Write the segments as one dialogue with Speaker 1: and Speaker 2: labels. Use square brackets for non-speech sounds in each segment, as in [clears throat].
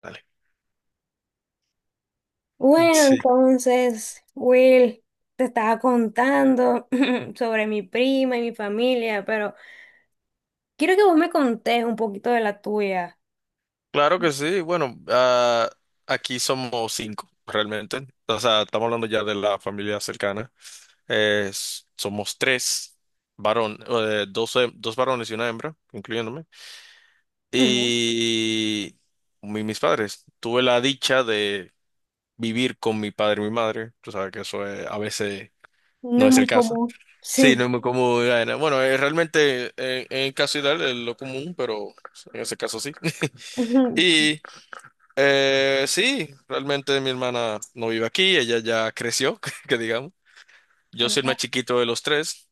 Speaker 1: Dale. [laughs]
Speaker 2: Bueno,
Speaker 1: Sí,
Speaker 2: entonces, Will, te estaba contando [clears throat] sobre mi prima y mi familia, pero quiero que vos me contés un poquito de la tuya.
Speaker 1: claro que sí. Bueno, aquí somos cinco realmente. O sea, estamos hablando ya de la familia cercana. Somos tres varón, dos varones y una hembra, incluyéndome.
Speaker 2: Ujú.
Speaker 1: Y mis padres. Tuve la dicha de vivir con mi padre y mi madre. Tú sabes que a veces
Speaker 2: No
Speaker 1: no
Speaker 2: es
Speaker 1: es el
Speaker 2: muy
Speaker 1: caso.
Speaker 2: común.
Speaker 1: Sí, no
Speaker 2: Sí.
Speaker 1: es muy común. Bueno, realmente, el caso ideal es lo común, pero en ese caso sí. [laughs]
Speaker 2: Ujú.
Speaker 1: Y sí, realmente mi hermana no vive aquí, ella ya creció, [laughs] que digamos. Yo soy el más
Speaker 2: Ah.
Speaker 1: chiquito de los tres.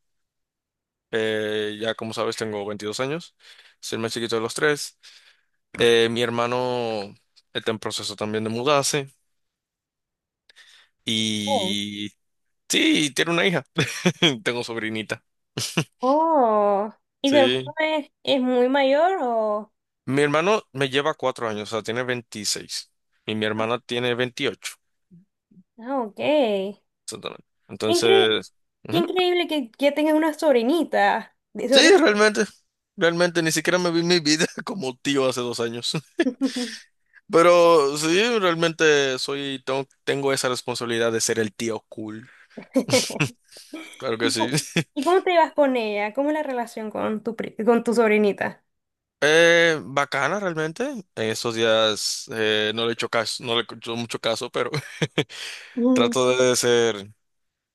Speaker 1: Ya como sabes, tengo 22 años, soy el más chiquito de los tres. Mi hermano está en proceso también de mudarse
Speaker 2: Oh.
Speaker 1: y sí, tiene una hija. [laughs] Tengo sobrinita,
Speaker 2: Oh, ¿y tu hermano
Speaker 1: sí.
Speaker 2: es muy mayor o...?
Speaker 1: Mi hermano me lleva cuatro años, o sea, tiene 26 y mi hermana tiene 28,
Speaker 2: Ah, ok.
Speaker 1: exactamente.
Speaker 2: Incre-
Speaker 1: Entonces...
Speaker 2: qué
Speaker 1: ujú,
Speaker 2: increíble que ya tengas una sobrinita. ¿De
Speaker 1: sí,
Speaker 2: sobrina?
Speaker 1: realmente. Realmente ni siquiera me vi mi vida [laughs] como tío hace dos años. [laughs]
Speaker 2: [laughs]
Speaker 1: Pero sí, realmente, tengo esa responsabilidad de ser el tío cool. Claro que
Speaker 2: ¿Y
Speaker 1: sí.
Speaker 2: cómo,
Speaker 1: [laughs]
Speaker 2: y cómo te llevas con ella? ¿Cómo es la relación con tu sobrinita?
Speaker 1: Bacana realmente. En estos días, no le he hecho caso, no le he hecho mucho caso, pero [laughs]
Speaker 2: Mm.
Speaker 1: trato de ser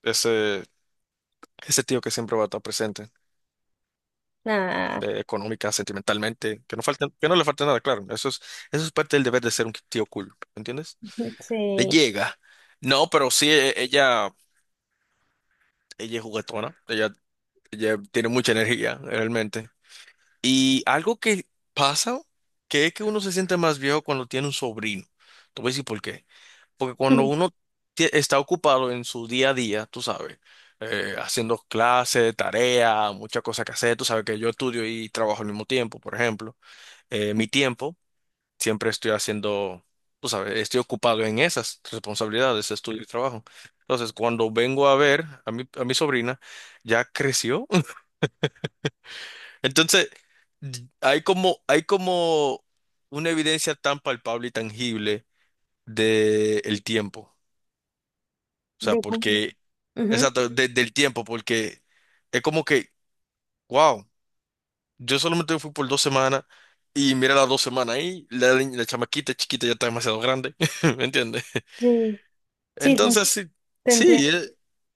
Speaker 1: ese, ese tío que siempre va a estar presente,
Speaker 2: Ah,
Speaker 1: económica, sentimentalmente, que no le falte nada, claro. Eso es parte del deber de ser un tío cool, ¿entiendes? Le
Speaker 2: sí.
Speaker 1: llega. No, pero sí, ella. Ella es juguetona, ella tiene mucha energía, realmente. Y algo que pasa, que es que uno se siente más viejo cuando tiene un sobrino. Te voy a decir por qué. Porque cuando uno
Speaker 2: [laughs]
Speaker 1: está ocupado en su día a día, tú sabes, haciendo clases, tareas, muchas cosas que hacer. Tú sabes que yo estudio y trabajo al mismo tiempo, por ejemplo. Mi tiempo, siempre estoy haciendo, tú sabes, estoy ocupado en esas responsabilidades, estudio y trabajo. Entonces, cuando vengo a ver a mi sobrina, ya creció. [laughs] Entonces, hay como una evidencia tan palpable y tangible del tiempo. O sea,
Speaker 2: De cómo.
Speaker 1: porque,
Speaker 2: Ujú.
Speaker 1: exacto, del tiempo, porque es como que, wow, yo solamente fui por dos semanas. Y mira, las dos semanas ahí, la chamaquita chiquita ya está demasiado grande, [laughs] ¿me entiendes?
Speaker 2: Sí, sí, te
Speaker 1: Entonces, sí,
Speaker 2: te entiendo.
Speaker 1: sí,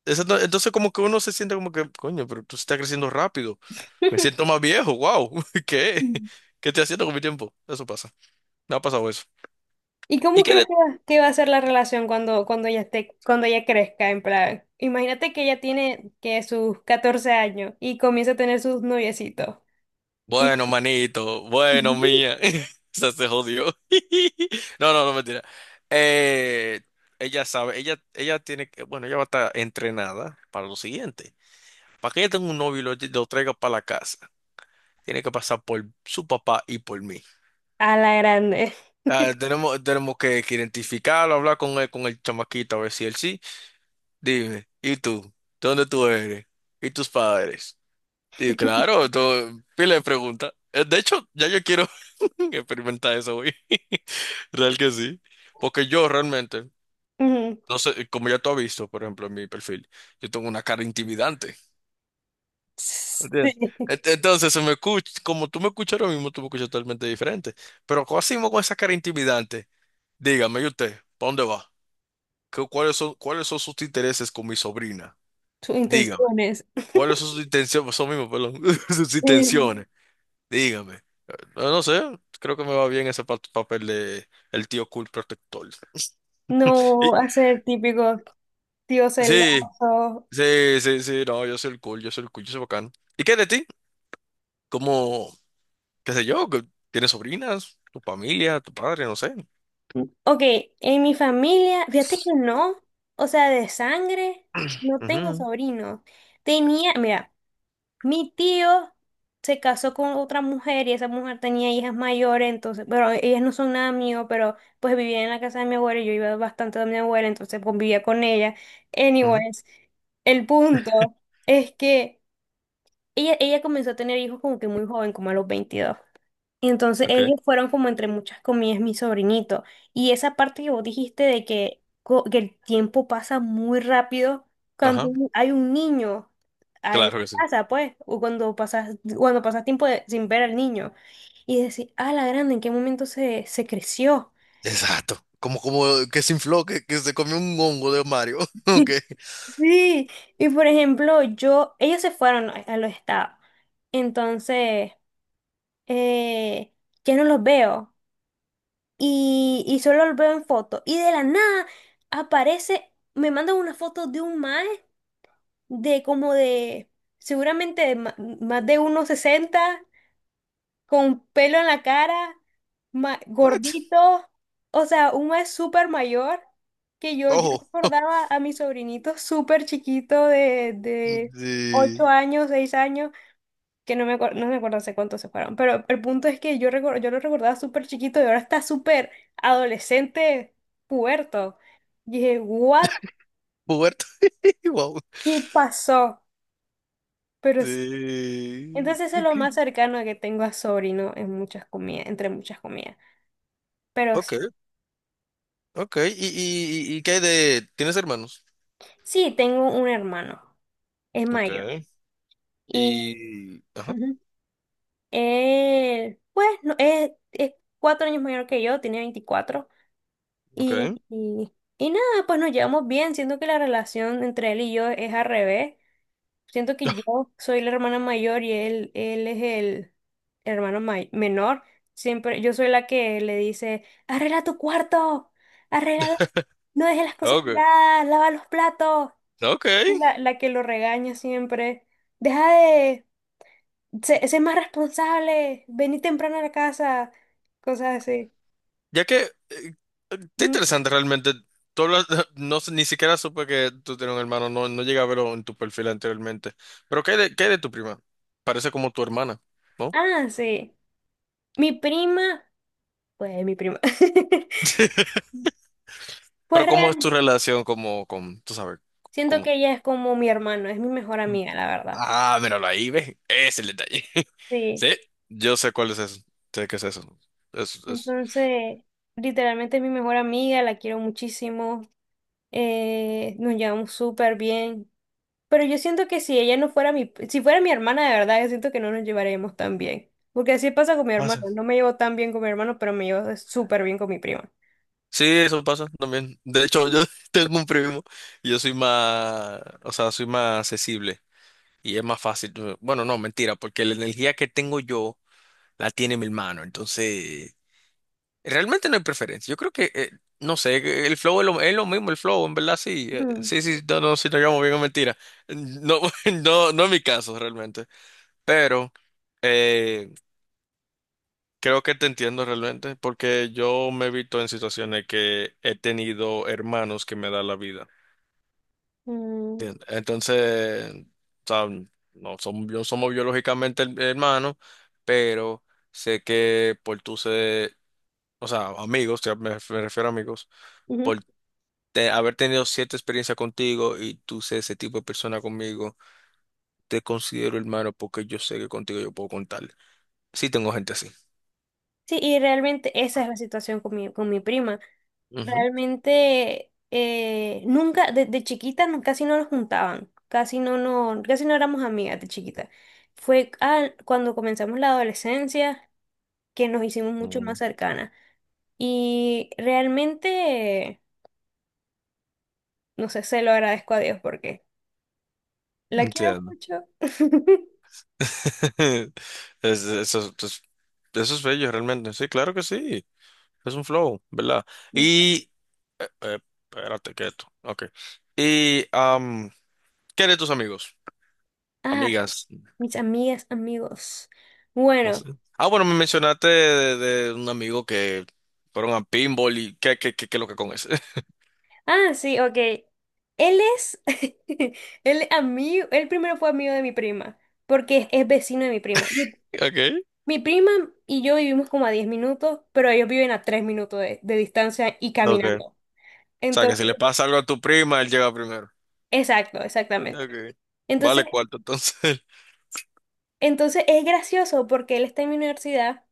Speaker 1: eso no- entonces como que uno se siente como que, coño, pero tú estás creciendo rápido. Me siento más viejo, wow. [laughs] ¿Qué?
Speaker 2: [laughs]
Speaker 1: ¿Qué estoy haciendo con mi tiempo? Eso pasa. Me ha pasado eso.
Speaker 2: ¿Y
Speaker 1: ¿Y
Speaker 2: cómo
Speaker 1: qué
Speaker 2: crees
Speaker 1: de-
Speaker 2: que va a ser la relación cuando ella esté, cuando ella crezca? En plan, imagínate que ella tiene que sus 14 años y comienza a tener sus noviecitos. Y
Speaker 1: Bueno, manito, bueno,
Speaker 2: Ujú.
Speaker 1: mía. [laughs] O sea, se jodió. [laughs] No, no, no, mentira. Eh, Ella sabe, ella tiene que, bueno, ella va a estar entrenada para lo siguiente. Para que ella tenga un novio y lo traiga para la casa, tiene que pasar por su papá y por mí.
Speaker 2: A la grande.
Speaker 1: Ah, tenemos que, identificarlo, hablar con él, con el chamaquito, a ver si él sí. Dime, ¿y tú? ¿De dónde tú eres? ¿Y tus padres? Y
Speaker 2: [laughs]
Speaker 1: claro, todo, pila de preguntas. De hecho, ya yo quiero [laughs] experimentar eso hoy. [laughs] Real que sí. Porque yo realmente,
Speaker 2: Ujú.
Speaker 1: no sé, como ya tú has visto, por ejemplo, en mi perfil, yo tengo una cara intimidante. ¿Entiendes?
Speaker 2: Sí,
Speaker 1: Entonces, se me escucha, como tú me escuchas ahora mismo, tú me escuchas totalmente diferente. Pero, ¿cómo hacemos con esa cara intimidante? Dígame, ¿y usted? ¿Para dónde va? ¿Cuáles son sus intereses con mi sobrina?
Speaker 2: sus
Speaker 1: Dígame.
Speaker 2: intenciones.
Speaker 1: ¿Cuáles son sus intenciones? Son mismos, perdón. [laughs] Sus
Speaker 2: Ujú.
Speaker 1: intenciones. Dígame. No, no sé. Creo que me va bien ese papel de el tío cool protector. Y-
Speaker 2: No hacer típico tío
Speaker 1: sí,
Speaker 2: celoso.
Speaker 1: sí, sí, sí. No, yo soy el cool, yo soy el cool, yo soy bacán. ¿Y qué de ti? ¿Cómo, qué sé yo? Que ¿Tienes sobrinas? ¿Tu familia? ¿Tu padre? No sé.
Speaker 2: Ok, en mi familia, fíjate que no, o sea, de sangre, no tengo
Speaker 1: Ujú,
Speaker 2: sobrinos. Tenía, mira. Mi tío se casó con otra mujer y esa mujer tenía hijas mayores, entonces, pero ellas no son nada mío, pero pues vivía en la casa de mi abuela y yo iba bastante donde mi abuela, entonces convivía con ella.
Speaker 1: ujú,
Speaker 2: Anyways, el punto es que ella comenzó a tener hijos como que muy joven, como a los 22. Entonces
Speaker 1: ok.
Speaker 2: ellos fueron como entre muchas comillas mi sobrinito. Y esa parte que vos dijiste de que el tiempo pasa muy rápido cuando
Speaker 1: Ajá.
Speaker 2: hay un niño en
Speaker 1: Claro
Speaker 2: la
Speaker 1: que sí.
Speaker 2: casa, pues, o cuando pasas tiempo sin ver al niño. Y decir, ah, la grande, ¿en qué momento se creció?
Speaker 1: Exacto. Como, como que se infló, que se comió un hongo de Mario. [laughs] Ok.
Speaker 2: [laughs] Sí, y por ejemplo, yo, ellos se fueron a los estados. Entonces, eh, ya no los veo. Y solo lo veo en foto. Y de la nada aparece, me mandan una foto de un mae de como de, seguramente de más de uno sesenta con pelo en la cara,
Speaker 1: What?
Speaker 2: gordito, o sea, un mae súper mayor. Que yo
Speaker 1: Ojo.
Speaker 2: recordaba a mi sobrinito súper chiquito de 8
Speaker 1: Sí.
Speaker 2: años, 6 años, que no me acuerdo hace cuánto se fueron, pero el punto es que yo lo recordaba súper chiquito y ahora está súper adolescente, puberto. Y dije, ¿what?
Speaker 1: Puberto. [laughs] Wow.
Speaker 2: ¿Qué pasó? Pero s-
Speaker 1: Sí.
Speaker 2: entonces eso es lo
Speaker 1: Ok,
Speaker 2: más cercano que tengo a sobrino en muchas comidas, entre muchas comidas. Pero s-
Speaker 1: ok, ok. Y qué hay de... ¿Tienes hermanos?
Speaker 2: sí, tengo un hermano, es
Speaker 1: Ok.
Speaker 2: mayor. Y,
Speaker 1: Y... ajá.
Speaker 2: ujú, él, pues, no, es 4 años mayor que yo, tiene 24. Y,
Speaker 1: Ok.
Speaker 2: y, y nada, pues nos llevamos bien. Siento que la relación entre él y yo es al revés. Siento que yo soy la hermana mayor y él es el hermano menor. Siempre, yo soy la que le dice, arregla tu cuarto, arregla, no dejes las cosas
Speaker 1: Ok.
Speaker 2: tiradas, lava los platos.
Speaker 1: Ok.
Speaker 2: Soy la que lo regaña siempre. Deja de se ser, más responsable, vení temprano a la casa, cosas así.
Speaker 1: Ya que... está
Speaker 2: Mm.
Speaker 1: interesante realmente. Tú hablas- [laughs] no sé, ni siquiera supe que tú tienes un hermano. No, no llegué a verlo en tu perfil anteriormente. Pero ¿qué hay de, tu prima? Parece como tu hermana, ¿no?
Speaker 2: Ah, sí. Mi prima. Pues mi prima. [laughs] Pues
Speaker 1: Pero ¿cómo es tu relación como con... Tú sabes,
Speaker 2: siento
Speaker 1: como...
Speaker 2: que ella es como mi hermano, es mi mejor amiga, la verdad.
Speaker 1: Ah, míralo ahí, ve. Es el detalle. [laughs]
Speaker 2: Sí,
Speaker 1: Sí, yo sé cuál es eso. Sé qué es eso. Es...
Speaker 2: entonces, literalmente es mi mejor amiga, la quiero muchísimo, nos llevamos súper bien, pero yo siento que si ella no fuera si fuera mi hermana de verdad, yo siento que no nos llevaríamos tan bien, porque así pasa con mi
Speaker 1: Pasa.
Speaker 2: hermano, no me llevo tan bien con mi hermano, pero me llevo súper bien con mi prima.
Speaker 1: Sí, eso pasa también. De hecho, yo [laughs] tengo un primo y yo soy más, o sea, soy más accesible y es más fácil. Bueno, no, mentira, porque la energía que tengo yo la tiene mi hermano. Entonces, realmente no hay preferencia. Yo creo que, no sé, que el flow es lo mismo, el flow, en verdad, sí.
Speaker 2: Mm,
Speaker 1: Sí, sí, no, no, si no, yo me mentira. No, [laughs] no, no es mi caso, realmente. Pero eh, creo que te entiendo realmente, porque yo me he visto en situaciones que he tenido hermanos que me dan la vida.
Speaker 2: mm,
Speaker 1: ¿Entiendes? Entonces, o sea, no somos, somos biológicamente hermanos, pero sé que por tú ser, o sea, amigos, me refiero a amigos,
Speaker 2: ujú.
Speaker 1: por haber tenido cierta experiencia contigo y tú ser ese tipo de persona conmigo, te considero hermano porque yo sé que contigo yo puedo contar. Sí tengo gente así.
Speaker 2: Sí, y realmente esa es la situación con mi prima. Realmente nunca, de chiquita casi no nos juntaban, casi no éramos amigas de chiquita. Fue cuando comenzamos la adolescencia que nos hicimos mucho más
Speaker 1: Ujú.
Speaker 2: cercanas. Y realmente, no sé, se lo agradezco a Dios porque la quiero
Speaker 1: Entiendo.
Speaker 2: mucho. [laughs]
Speaker 1: [laughs] Es- eso, es eso es bello realmente. Sí, claro que sí. Es un flow, ¿verdad? Y... eh, eh, espérate, quieto. Ok. Y... ¿qué de tus amigos?
Speaker 2: Ah,
Speaker 1: Amigas.
Speaker 2: mis amigas, amigos.
Speaker 1: No sé.
Speaker 2: Bueno.
Speaker 1: Ah, bueno, me mencionaste de, un amigo que fueron a pinball y qué lo que con ese. [laughs]
Speaker 2: Ah, sí, ok. Él es, [laughs] él amigo, él primero fue amigo de mi prima, porque es vecino de mi prima.
Speaker 1: Okay.
Speaker 2: Mi prima y yo vivimos como a 10 minutos, pero ellos viven a 3 minutos de distancia y
Speaker 1: Okay. O
Speaker 2: caminando.
Speaker 1: sea, que si
Speaker 2: Entonces,
Speaker 1: le pasa algo a tu prima, él llega primero.
Speaker 2: exacto, exactamente.
Speaker 1: Okay.
Speaker 2: Entonces,
Speaker 1: Vale cuarto, entonces. [laughs]
Speaker 2: entonces es gracioso porque él está en mi universidad.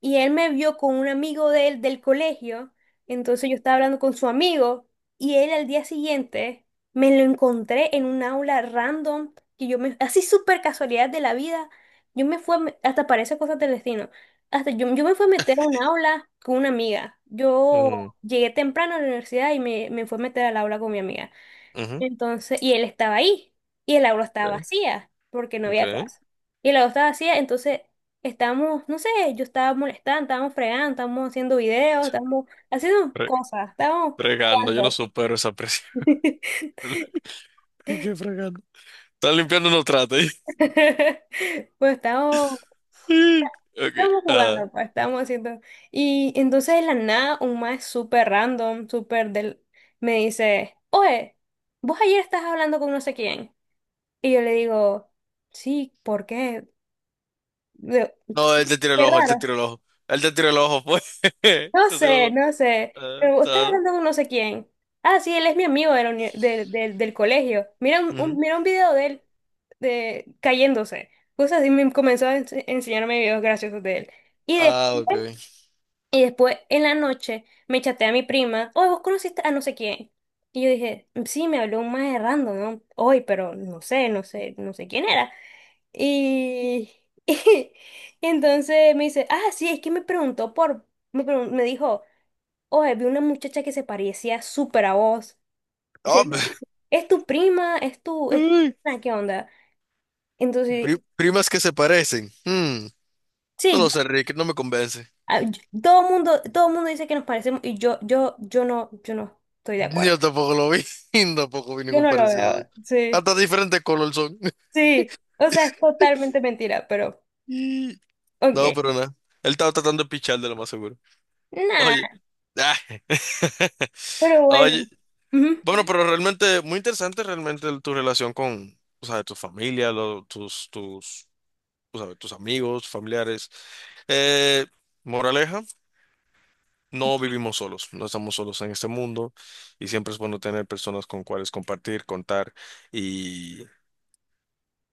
Speaker 2: Y él me vio con un amigo de él del colegio, entonces yo estaba hablando con su amigo y él al día siguiente me lo encontré en un aula random que yo me, así súper casualidad de la vida, yo me fui, hasta parece cosas del destino, hasta yo me fui a meter a un aula con una amiga, yo
Speaker 1: Mm,
Speaker 2: llegué temprano a la universidad y me fui a meter al aula con mi amiga.
Speaker 1: ujú.
Speaker 2: Entonces, y él estaba ahí, y el aula estaba vacía, porque no había
Speaker 1: Ok.
Speaker 2: clase. Y el aula estaba vacía, entonces estábamos, no sé, yo estaba molestando, estábamos fregando, estábamos haciendo videos, estábamos haciendo
Speaker 1: Ok.
Speaker 2: cosas, estábamos
Speaker 1: Fregando, yo no
Speaker 2: jugando.
Speaker 1: supero esa presión.
Speaker 2: [laughs]
Speaker 1: [laughs] ¿Y qué fregando? Están limpiando unos tratos. [laughs] Ahí.
Speaker 2: Pues estábamos,
Speaker 1: Ok,
Speaker 2: estábamos
Speaker 1: ah.
Speaker 2: jugando, pues estábamos haciendo. Y entonces de la nada, un más súper random, me dice, oye, vos ayer estás hablando con no sé quién. Y yo le digo, sí, ¿por qué? de-
Speaker 1: No, él te tiró el
Speaker 2: Qué
Speaker 1: ojo, él te
Speaker 2: raro.
Speaker 1: tiró el ojo. Él te tiró el ojo, pues. [laughs] Te
Speaker 2: No
Speaker 1: tiró el
Speaker 2: sé,
Speaker 1: ojo.
Speaker 2: no sé.
Speaker 1: Ah,
Speaker 2: Pero vos estás
Speaker 1: claro.
Speaker 2: hablando con no sé quién. Ah, sí, él es mi amigo de la uni- de- del colegio. Mira
Speaker 1: Ujú.
Speaker 2: un video de él cayéndose. Cosas así me comenzó a enseñarme videos graciosos de él. Y después,
Speaker 1: Ah, ok.
Speaker 2: y después en la noche me chateé a mi prima. Oye, vos conociste a no sé quién. Y yo dije, sí, me habló un más random, ¿no? Hoy, pero no sé, no sé, no sé quién era. Y, [laughs] y entonces me dice, ah, sí, es que me preguntó por, me dijo, oye, vi una muchacha que se parecía súper a vos. ¿Es
Speaker 1: Ah,
Speaker 2: serio?
Speaker 1: [laughs]
Speaker 2: ¿Es tu prima? ¿Es tu
Speaker 1: ay,
Speaker 2: prima? ¿Qué onda? Entonces,
Speaker 1: primas que se parecen. Hmm, no
Speaker 2: sí,
Speaker 1: lo sé, Rick, no me convence.
Speaker 2: todo el mundo, dice que nos parecemos y yo no estoy de
Speaker 1: Yo
Speaker 2: acuerdo.
Speaker 1: tampoco lo vi. [laughs] Tampoco vi
Speaker 2: Yo
Speaker 1: ningún
Speaker 2: no lo
Speaker 1: parecido, así.
Speaker 2: veo. Sí,
Speaker 1: Hasta diferentes color son. [laughs]
Speaker 2: sí. O sea, es totalmente mentira, pero,
Speaker 1: Y...
Speaker 2: ok.
Speaker 1: no, pero nada. Él estaba tratando de pichar de lo más seguro. Oye.
Speaker 2: Nada,
Speaker 1: Ah. [laughs]
Speaker 2: pero
Speaker 1: Oye.
Speaker 2: bueno. Ujú.
Speaker 1: Bueno, pero realmente, muy interesante realmente tu relación con, o sea, tu familia, o sea, tus amigos, familiares. Eh, Moraleja, no vivimos solos, no estamos solos en este mundo y siempre es bueno tener personas con cuales compartir, contar y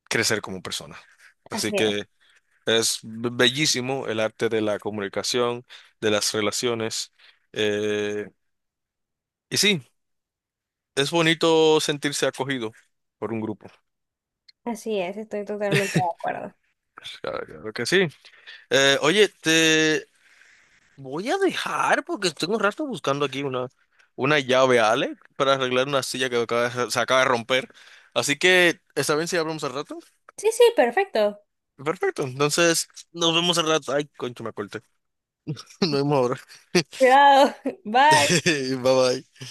Speaker 1: crecer como persona. Así
Speaker 2: Así es,
Speaker 1: que es bellísimo el arte de la comunicación, de las relaciones. eh, y sí, es bonito sentirse acogido por un grupo.
Speaker 2: así es, estoy totalmente de acuerdo.
Speaker 1: Claro que sí. Oye, te voy a dejar porque tengo un rato buscando aquí una llave, Ale, para arreglar una silla que se acaba de romper. Así que, ¿está bien si hablamos al rato?
Speaker 2: Sí, sí, perfecto.
Speaker 1: Perfecto, entonces nos vemos al rato. Ay, concho, me corté. [laughs] Nos vemos ahora.
Speaker 2: Cuidado. [laughs] Bye.
Speaker 1: [laughs] Bye bye.